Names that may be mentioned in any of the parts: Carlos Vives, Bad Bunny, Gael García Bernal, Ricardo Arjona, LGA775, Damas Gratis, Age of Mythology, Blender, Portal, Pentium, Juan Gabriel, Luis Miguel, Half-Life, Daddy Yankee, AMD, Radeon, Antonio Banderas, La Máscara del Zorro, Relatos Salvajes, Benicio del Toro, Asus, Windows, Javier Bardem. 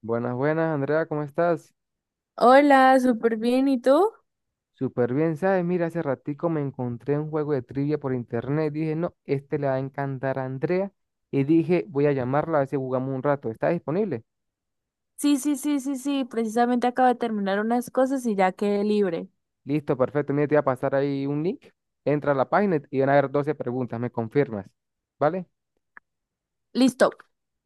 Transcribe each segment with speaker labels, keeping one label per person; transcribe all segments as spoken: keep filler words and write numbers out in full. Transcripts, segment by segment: Speaker 1: Buenas, buenas, Andrea, ¿cómo estás?
Speaker 2: Hola, súper bien. ¿Y tú?
Speaker 1: Súper bien, ¿sabes? Mira, hace ratico me encontré un juego de trivia por internet. Dije, no, este le va a encantar a Andrea. Y dije, voy a llamarla a ver si jugamos un rato. ¿Está disponible?
Speaker 2: Sí, sí, sí, sí, sí. Precisamente acabo de terminar unas cosas y ya quedé libre.
Speaker 1: Listo, perfecto. Mira, te voy a pasar ahí un link. Entra a la página y van a haber doce preguntas. ¿Me confirmas? ¿Vale?
Speaker 2: Listo,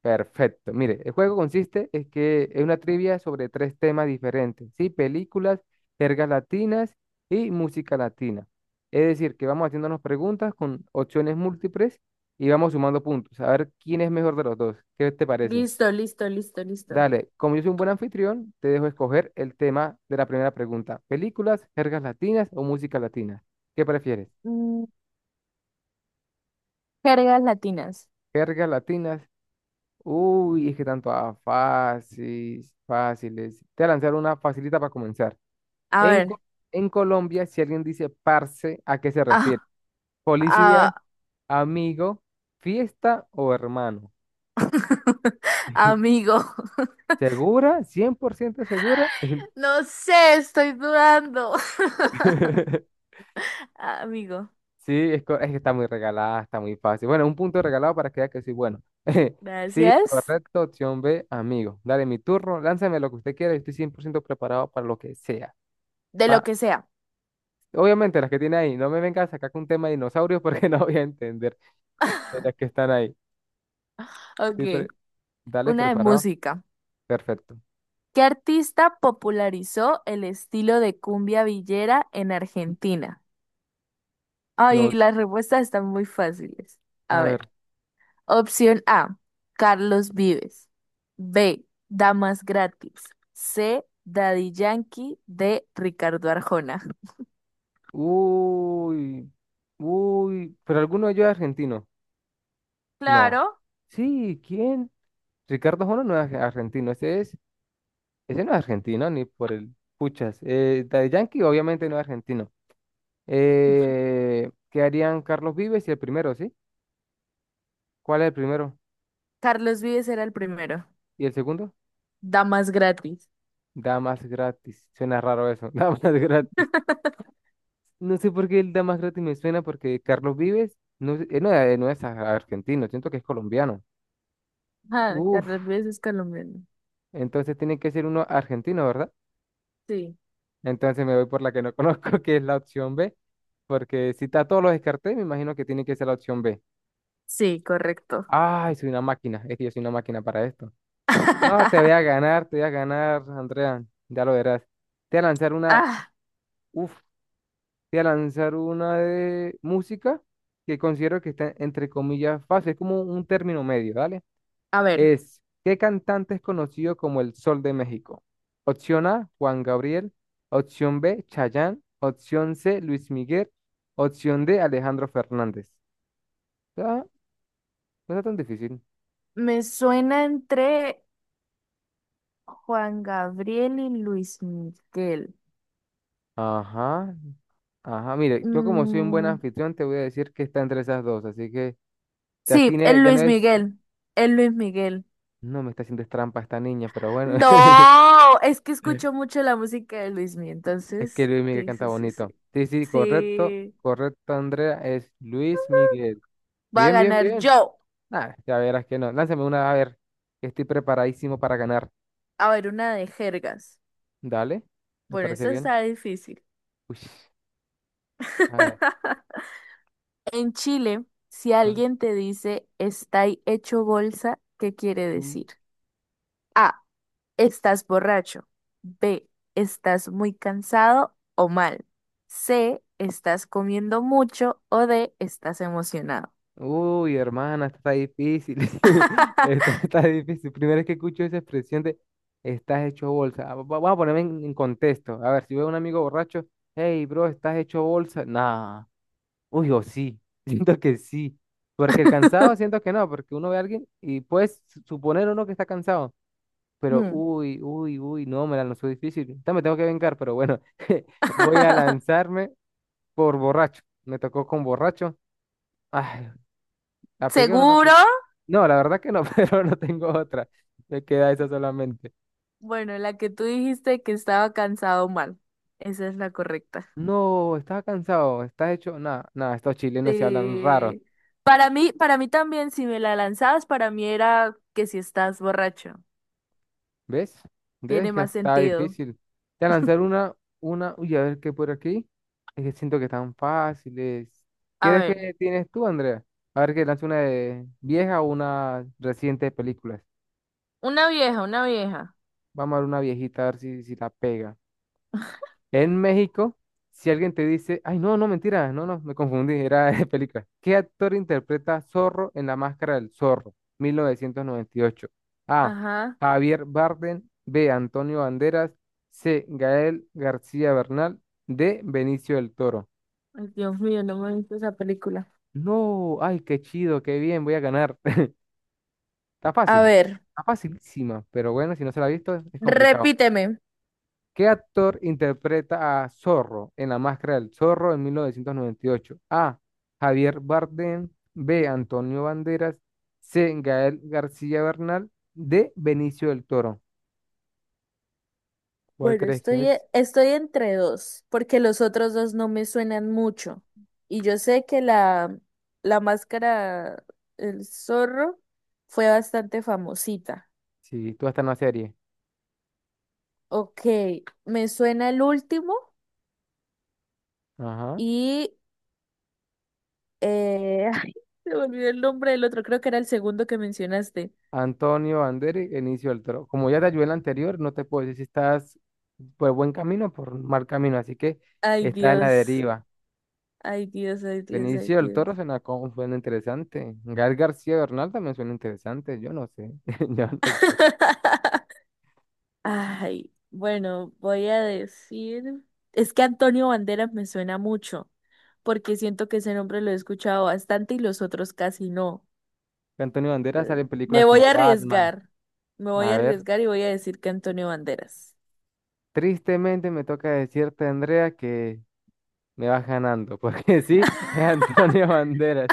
Speaker 1: Perfecto. Mire, el juego consiste es que es una trivia sobre tres temas diferentes, ¿sí? Películas, jergas latinas y música latina. Es decir, que vamos haciéndonos preguntas con opciones múltiples y vamos sumando puntos, a ver quién es mejor de los dos. ¿Qué te parece?
Speaker 2: listo, listo, listo, listo.
Speaker 1: Dale, como yo soy un buen anfitrión, te dejo escoger el tema de la primera pregunta. ¿Películas, jergas latinas o música latina? ¿Qué prefieres?
Speaker 2: Mm, Jergas latinas.
Speaker 1: ¿Jergas latinas? Uy, es que tanto a fáciles, fáciles. Te voy a lanzar una facilita para comenzar.
Speaker 2: A
Speaker 1: En,
Speaker 2: ver.
Speaker 1: Co- en Colombia, si alguien dice parce, ¿a qué se refiere?
Speaker 2: Ah,
Speaker 1: Policía,
Speaker 2: ah,
Speaker 1: amigo, fiesta o hermano.
Speaker 2: amigo.
Speaker 1: ¿Segura? ¿Cien por ciento segura?
Speaker 2: No sé, estoy dudando. Amigo,
Speaker 1: Sí, es, co- es que está muy regalada, está muy fácil. Bueno, un punto regalado para que vea que soy bueno. Sí,
Speaker 2: gracias.
Speaker 1: correcto, opción B, amigo. Dale, mi turno, lánzame lo que usted quiera, estoy cien por ciento preparado para lo que sea.
Speaker 2: De lo que sea.
Speaker 1: Obviamente las que tiene ahí, no me vengas a sacar con un tema de dinosaurios porque no voy a entender de las que están ahí.
Speaker 2: Ok,
Speaker 1: Estoy pre- Dale,
Speaker 2: una de
Speaker 1: preparado.
Speaker 2: música.
Speaker 1: Perfecto.
Speaker 2: ¿Qué artista popularizó el estilo de cumbia villera en Argentina? Ay,
Speaker 1: Nos,
Speaker 2: las respuestas están muy fáciles.
Speaker 1: a
Speaker 2: A ver,
Speaker 1: ver.
Speaker 2: opción A, Carlos Vives. B, Damas Gratis. C, Daddy Yankee. D, Ricardo Arjona.
Speaker 1: Uy, uy, pero alguno de ellos es argentino. No.
Speaker 2: Claro,
Speaker 1: Sí, ¿quién? Ricardo Jona no es ar- argentino. Ese es, ese no es argentino, ni por el puchas. Eh, Daddy Yankee, obviamente no es argentino. Eh, ¿qué harían Carlos Vives y el primero, sí? ¿Cuál es el primero?
Speaker 2: Carlos Vives era el primero.
Speaker 1: ¿Y el segundo?
Speaker 2: Damas Gratis.
Speaker 1: Damas Gratis. Suena raro eso. Damas Gratis. No sé por qué el Damas Gratis me suena porque Carlos Vives no, sé- él no, es- no es a- argentino, siento que es colombiano.
Speaker 2: Ah, Carlos
Speaker 1: Uf,
Speaker 2: Vives es colombiano.
Speaker 1: entonces tiene que ser uno argentino, ¿verdad?
Speaker 2: Sí,
Speaker 1: Entonces me voy por la que no conozco, que es la opción B, porque si está todos los descarté, me imagino que tiene que ser la opción B.
Speaker 2: sí, correcto.
Speaker 1: Ay, soy una máquina, es que yo soy una máquina para esto. No, te voy a ganar, te voy a ganar, Andrea, ya lo verás. Te voy a lanzar una,
Speaker 2: Ah,
Speaker 1: uf, Te voy a lanzar una de música que considero que está entre comillas fácil, es como un término medio, ¿vale?
Speaker 2: a ver,
Speaker 1: Es, ¿qué cantante es conocido como el Sol de México? Opción A, Juan Gabriel. Opción B, Chayanne. Opción C, Luis Miguel. Opción D, Alejandro Fernández. Ah, no está tan difícil.
Speaker 2: me suena entre Juan Gabriel y Luis Miguel.
Speaker 1: Ajá, ajá. Mire, yo como soy un buen
Speaker 2: Mm,
Speaker 1: anfitrión, te voy a decir que está entre esas dos, así que ya
Speaker 2: Sí,
Speaker 1: tiene,
Speaker 2: el
Speaker 1: ya no
Speaker 2: Luis
Speaker 1: es,
Speaker 2: Miguel. El Luis Miguel.
Speaker 1: no me está haciendo trampa esta niña, pero bueno.
Speaker 2: No, es que escucho mucho la música de Luis Miguel,
Speaker 1: Es que
Speaker 2: entonces.
Speaker 1: Luis Miguel
Speaker 2: Sí,
Speaker 1: canta
Speaker 2: sí, sí, sí.
Speaker 1: bonito. Sí, sí, correcto.
Speaker 2: Sí,
Speaker 1: Correcto, Andrea. Es Luis Miguel.
Speaker 2: va a
Speaker 1: Bien, bien,
Speaker 2: ganar
Speaker 1: bien.
Speaker 2: yo.
Speaker 1: Nah, ya verás que no. Lánzame una, a ver, que estoy preparadísimo para ganar.
Speaker 2: A ver, una de jergas.
Speaker 1: Dale. ¿Me
Speaker 2: Bueno,
Speaker 1: parece
Speaker 2: esta
Speaker 1: bien?
Speaker 2: está difícil.
Speaker 1: Uy, a ver.
Speaker 2: En Chile, si
Speaker 1: Ah,
Speaker 2: alguien te dice está hecho bolsa, ¿qué quiere
Speaker 1: tú.
Speaker 2: decir? Estás borracho. B. Estás muy cansado o mal. C. Estás comiendo mucho o D. Estás emocionado.
Speaker 1: Uy, hermana, esta está difícil. Esta está difícil. Primera vez que escucho esa expresión de estás hecho bolsa. Ah, va- Vamos a ponerme en, en contexto. A ver, si veo a un amigo borracho, hey, bro, estás hecho bolsa. Nah. Uy, o sí, siento que sí. Porque el cansado siento que no, porque uno ve a alguien y puedes su- suponer uno que está cansado. Pero
Speaker 2: Hmm.
Speaker 1: uy, uy, uy, no, me la lanzó difícil. Esta me tengo que vengar, pero bueno, voy a lanzarme por borracho. Me tocó con borracho. Ay, ¿la pegué o no la
Speaker 2: ¿Seguro?
Speaker 1: pegué? No, la verdad que no, pero no tengo otra. Me queda esa solamente.
Speaker 2: Bueno, la que tú dijiste que estaba cansado o mal. Esa es la correcta.
Speaker 1: No, estaba cansado, estás hecho. Nada, nada, estos chilenos se hablan raros.
Speaker 2: Sí. Para mí, para mí también, si me la lanzabas, para mí era que si estás borracho.
Speaker 1: ¿Ves? ¿Ves
Speaker 2: Tiene
Speaker 1: que
Speaker 2: más
Speaker 1: está
Speaker 2: sentido.
Speaker 1: difícil? Te voy a lanzar una, una, uy, a ver qué por aquí. Es que siento que están fáciles.
Speaker 2: A
Speaker 1: ¿Qué es
Speaker 2: ver,
Speaker 1: que tienes tú, Andrea? A ver que lance una de vieja o una reciente de películas.
Speaker 2: una vieja, una vieja.
Speaker 1: Vamos a ver una viejita, a ver si, si la pega. En México, si alguien te dice, ay, no, no, mentira, no, no, me confundí, era de película. ¿Qué actor interpreta a Zorro en La Máscara del Zorro, mil novecientos noventa y ocho? A.
Speaker 2: Ajá.
Speaker 1: Javier Bardem. B. Antonio Banderas. C. Gael García Bernal. D. Benicio del Toro.
Speaker 2: Ay, Dios mío, no me he visto esa película.
Speaker 1: No, ay, qué chido, qué bien, voy a ganar. Está
Speaker 2: A
Speaker 1: fácil,
Speaker 2: ver,
Speaker 1: está facilísima, pero bueno, si no se la ha visto, es complicado.
Speaker 2: repíteme.
Speaker 1: ¿Qué actor interpreta a Zorro en La Máscara del Zorro en mil novecientos noventa y ocho? A. Javier Bardem. B. Antonio Banderas. C. Gael García Bernal. D. Benicio del Toro. ¿Cuál
Speaker 2: Bueno,
Speaker 1: crees que
Speaker 2: estoy, e-
Speaker 1: es?
Speaker 2: estoy entre dos, porque los otros dos no me suenan mucho. Y yo sé que la, la máscara, el zorro, fue bastante famosita.
Speaker 1: Sí, tú estás en la serie.
Speaker 2: Ok, me suena el último
Speaker 1: Ajá.
Speaker 2: y... Eh, ay, se me olvidó el nombre del otro, creo que era el segundo que mencionaste.
Speaker 1: Antonio Banderas, Benicio del Toro. Como ya te ayudé en la anterior, no te puedo decir si estás por buen camino o por mal camino, así que
Speaker 2: Ay,
Speaker 1: estás en la
Speaker 2: Dios,
Speaker 1: deriva.
Speaker 2: ay, Dios, ay, Dios, ay,
Speaker 1: Benicio del
Speaker 2: Dios.
Speaker 1: Toro suena, como- suena interesante. Gael García Bernal también suena interesante. Yo no sé. Yo no sé.
Speaker 2: Ay, bueno, voy a decir, es que Antonio Banderas me suena mucho, porque siento que ese nombre lo he escuchado bastante y los otros casi no.
Speaker 1: Antonio Banderas sale
Speaker 2: Entonces,
Speaker 1: en
Speaker 2: me
Speaker 1: películas
Speaker 2: voy
Speaker 1: como
Speaker 2: a
Speaker 1: Batman.
Speaker 2: arriesgar, me voy
Speaker 1: A
Speaker 2: a
Speaker 1: ver.
Speaker 2: arriesgar y voy a decir que Antonio Banderas.
Speaker 1: Tristemente me toca decirte, Andrea, que me vas ganando. Porque sí, es Antonio Banderas.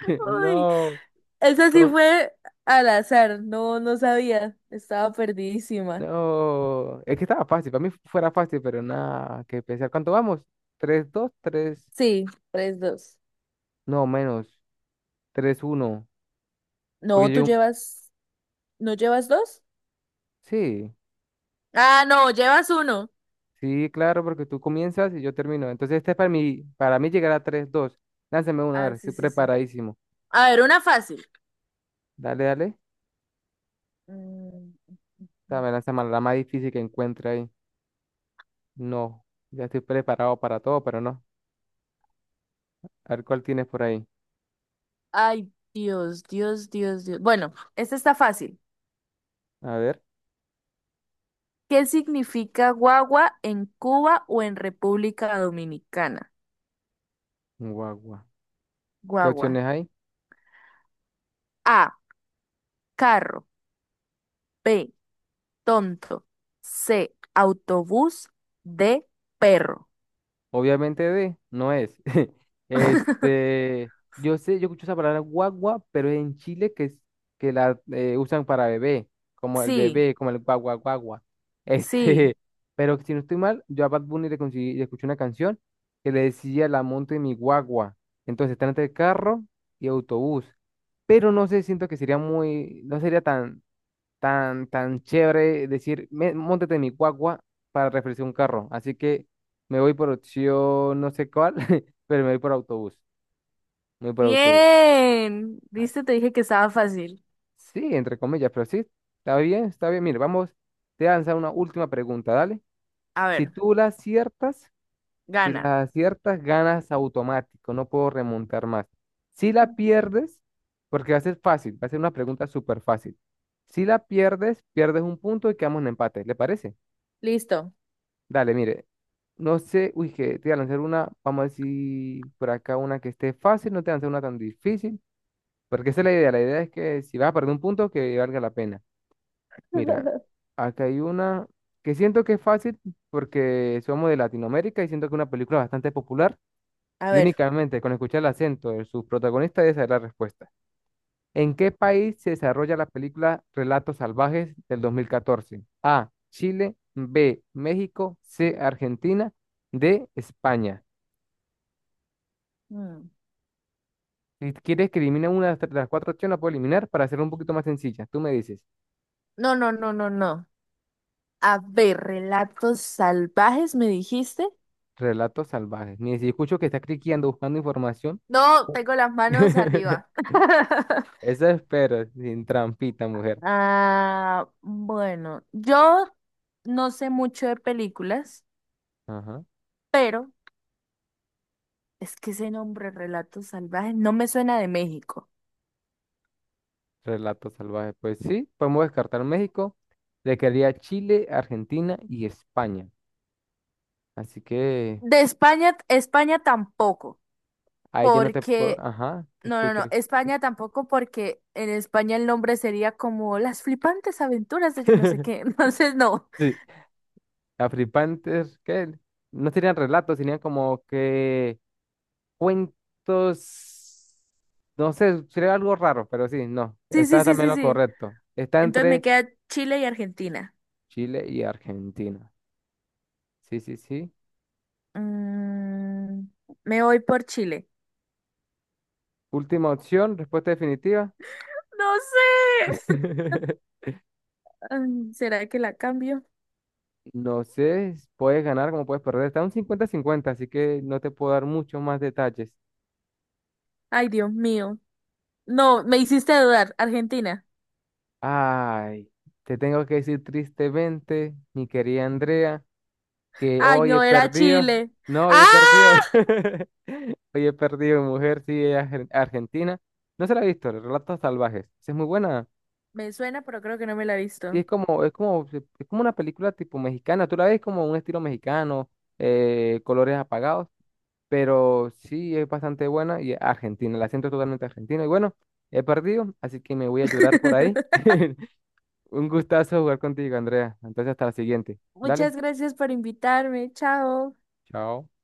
Speaker 2: Uy,
Speaker 1: No.
Speaker 2: esa sí
Speaker 1: No,
Speaker 2: fue al azar, no, no sabía, estaba perdidísima.
Speaker 1: no. Es que estaba fácil. Para mí fuera fácil, pero nada que pensar. ¿Cuánto vamos? Tres, dos, tres.
Speaker 2: Sí, tres, dos.
Speaker 1: No, menos. Tres uno.
Speaker 2: No,
Speaker 1: Porque
Speaker 2: tú
Speaker 1: yo.
Speaker 2: llevas, ¿no llevas dos?
Speaker 1: Sí.
Speaker 2: Ah, no, llevas uno.
Speaker 1: Sí, claro, porque tú comienzas y yo termino. Entonces, este es para mí, para mí llegar a tres, dos. Lánzame uno, a ver,
Speaker 2: Ah, sí,
Speaker 1: estoy
Speaker 2: sí, sí.
Speaker 1: preparadísimo.
Speaker 2: A ver, una fácil.
Speaker 1: Dale, dale.
Speaker 2: Mm.
Speaker 1: Dame, lánzame la más difícil que encuentre ahí. No, ya estoy preparado para todo, pero no. A ver cuál tienes por ahí.
Speaker 2: Ay, Dios, Dios, Dios, Dios. Bueno, esta está fácil.
Speaker 1: A ver,
Speaker 2: ¿Qué significa guagua en Cuba o en República Dominicana?
Speaker 1: guagua. ¿Qué
Speaker 2: Guagua.
Speaker 1: opciones hay?
Speaker 2: A, carro. B, tonto. C, autobús. D, perro.
Speaker 1: Obviamente de, no es. Este, yo sé, yo escucho esa palabra guagua, pero es en Chile que es que la eh, usan para bebé, como el
Speaker 2: Sí,
Speaker 1: bebé, como el guagua guagua.
Speaker 2: sí.
Speaker 1: Este, pero si no estoy mal, yo a Bad Bunny le, conseguí- le escuché una canción que le decía la monte mi guagua. Entonces está entre carro y autobús. Pero no sé, siento que sería muy, no sería tan tan, tan chévere decir, "Me- móntate en mi guagua para refrescar un carro". Así que me voy por opción no sé cuál, pero me voy por autobús. Me voy por autobús.
Speaker 2: Bien.
Speaker 1: Ay,
Speaker 2: ¿Viste? Te dije que estaba fácil.
Speaker 1: sí, entre comillas, pero sí, está bien, está bien. Mire, vamos, te voy a lanzar una última pregunta, dale.
Speaker 2: A
Speaker 1: Si
Speaker 2: ver,
Speaker 1: tú la aciertas, si
Speaker 2: gana.
Speaker 1: la aciertas, ganas automático, no puedo remontar más. Si la pierdes, porque va a ser fácil, va a ser una pregunta súper fácil. Si la pierdes, pierdes un punto y quedamos en empate, ¿le parece?
Speaker 2: Listo.
Speaker 1: Dale, mire. No sé, uy, que te voy a lanzar una, vamos a decir por acá una que esté fácil, no te voy a lanzar una tan difícil, porque esa es la idea, la idea es que si vas a perder un punto, que valga la pena. Mira, acá hay una que siento que es fácil porque somos de Latinoamérica y siento que es una película bastante popular
Speaker 2: A
Speaker 1: y
Speaker 2: ver.
Speaker 1: únicamente con escuchar el acento de sus protagonistas es saber la respuesta. ¿En qué país se desarrolla la película Relatos Salvajes del dos mil catorce? A. Chile. B. México. C. Argentina. D. España.
Speaker 2: Mm.
Speaker 1: Si quieres que elimine una de las cuatro opciones, la puedo eliminar para hacerlo un poquito más sencilla. Tú me dices.
Speaker 2: No, no, no, no, no. A ver, relatos salvajes, me dijiste.
Speaker 1: Relatos Salvajes. Ni si escucho que está cliqueando buscando información.
Speaker 2: No, tengo las manos arriba.
Speaker 1: Eso espero, sin trampita, mujer.
Speaker 2: Ah, bueno, yo no sé mucho de películas,
Speaker 1: Ajá.
Speaker 2: pero es que ese nombre, relatos salvajes, no me suena de México.
Speaker 1: Relatos Salvajes. Pues sí, podemos descartar México. Le quedaría Chile, Argentina y España. Así que
Speaker 2: De España, España tampoco,
Speaker 1: ahí ya no te puedo.
Speaker 2: porque,
Speaker 1: Ajá, te
Speaker 2: no, no,
Speaker 1: escucho.
Speaker 2: no, España tampoco, porque en España el nombre sería como Las flipantes aventuras de yo no sé qué. Entonces, no.
Speaker 1: Sí, la Free Panther, ¿qué? No serían relatos, serían como que cuentos. No sé, sería algo raro, pero sí, no.
Speaker 2: Sí, sí,
Speaker 1: Está
Speaker 2: sí,
Speaker 1: también
Speaker 2: sí,
Speaker 1: lo
Speaker 2: sí.
Speaker 1: correcto. Está
Speaker 2: Entonces me
Speaker 1: entre
Speaker 2: queda Chile y Argentina.
Speaker 1: Chile y Argentina. Sí, sí, sí.
Speaker 2: Mm, me voy por Chile.
Speaker 1: Última opción, respuesta definitiva.
Speaker 2: No sé. Mm, ¿será que la cambio?
Speaker 1: No sé, puedes ganar como puedes perder. Está un cincuenta-cincuenta, así que no te puedo dar muchos más detalles.
Speaker 2: Ay, Dios mío. No, me hiciste dudar. Argentina.
Speaker 1: Ay, te tengo que decir tristemente, mi querida Andrea, que
Speaker 2: Ay,
Speaker 1: hoy he
Speaker 2: no, era
Speaker 1: perdido.
Speaker 2: Chile.
Speaker 1: No, hoy he perdido.
Speaker 2: ¡Ah!
Speaker 1: Hoy he perdido mi mujer, sí, ella es ar- argentina. No se la he visto, Los Relatos Salvajes. Sí, es muy buena.
Speaker 2: Me suena, pero creo que no me la he
Speaker 1: Sí,
Speaker 2: visto.
Speaker 1: es como, es como, es como una película tipo mexicana. Tú la ves como un estilo mexicano, eh, colores apagados, pero sí es bastante buena y argentina. La siento totalmente argentina. Y bueno, he perdido, así que me voy a llorar por ahí. Un gustazo jugar contigo, Andrea. Entonces, hasta la siguiente. Dale,
Speaker 2: Muchas gracias por invitarme. Chao.
Speaker 1: chao.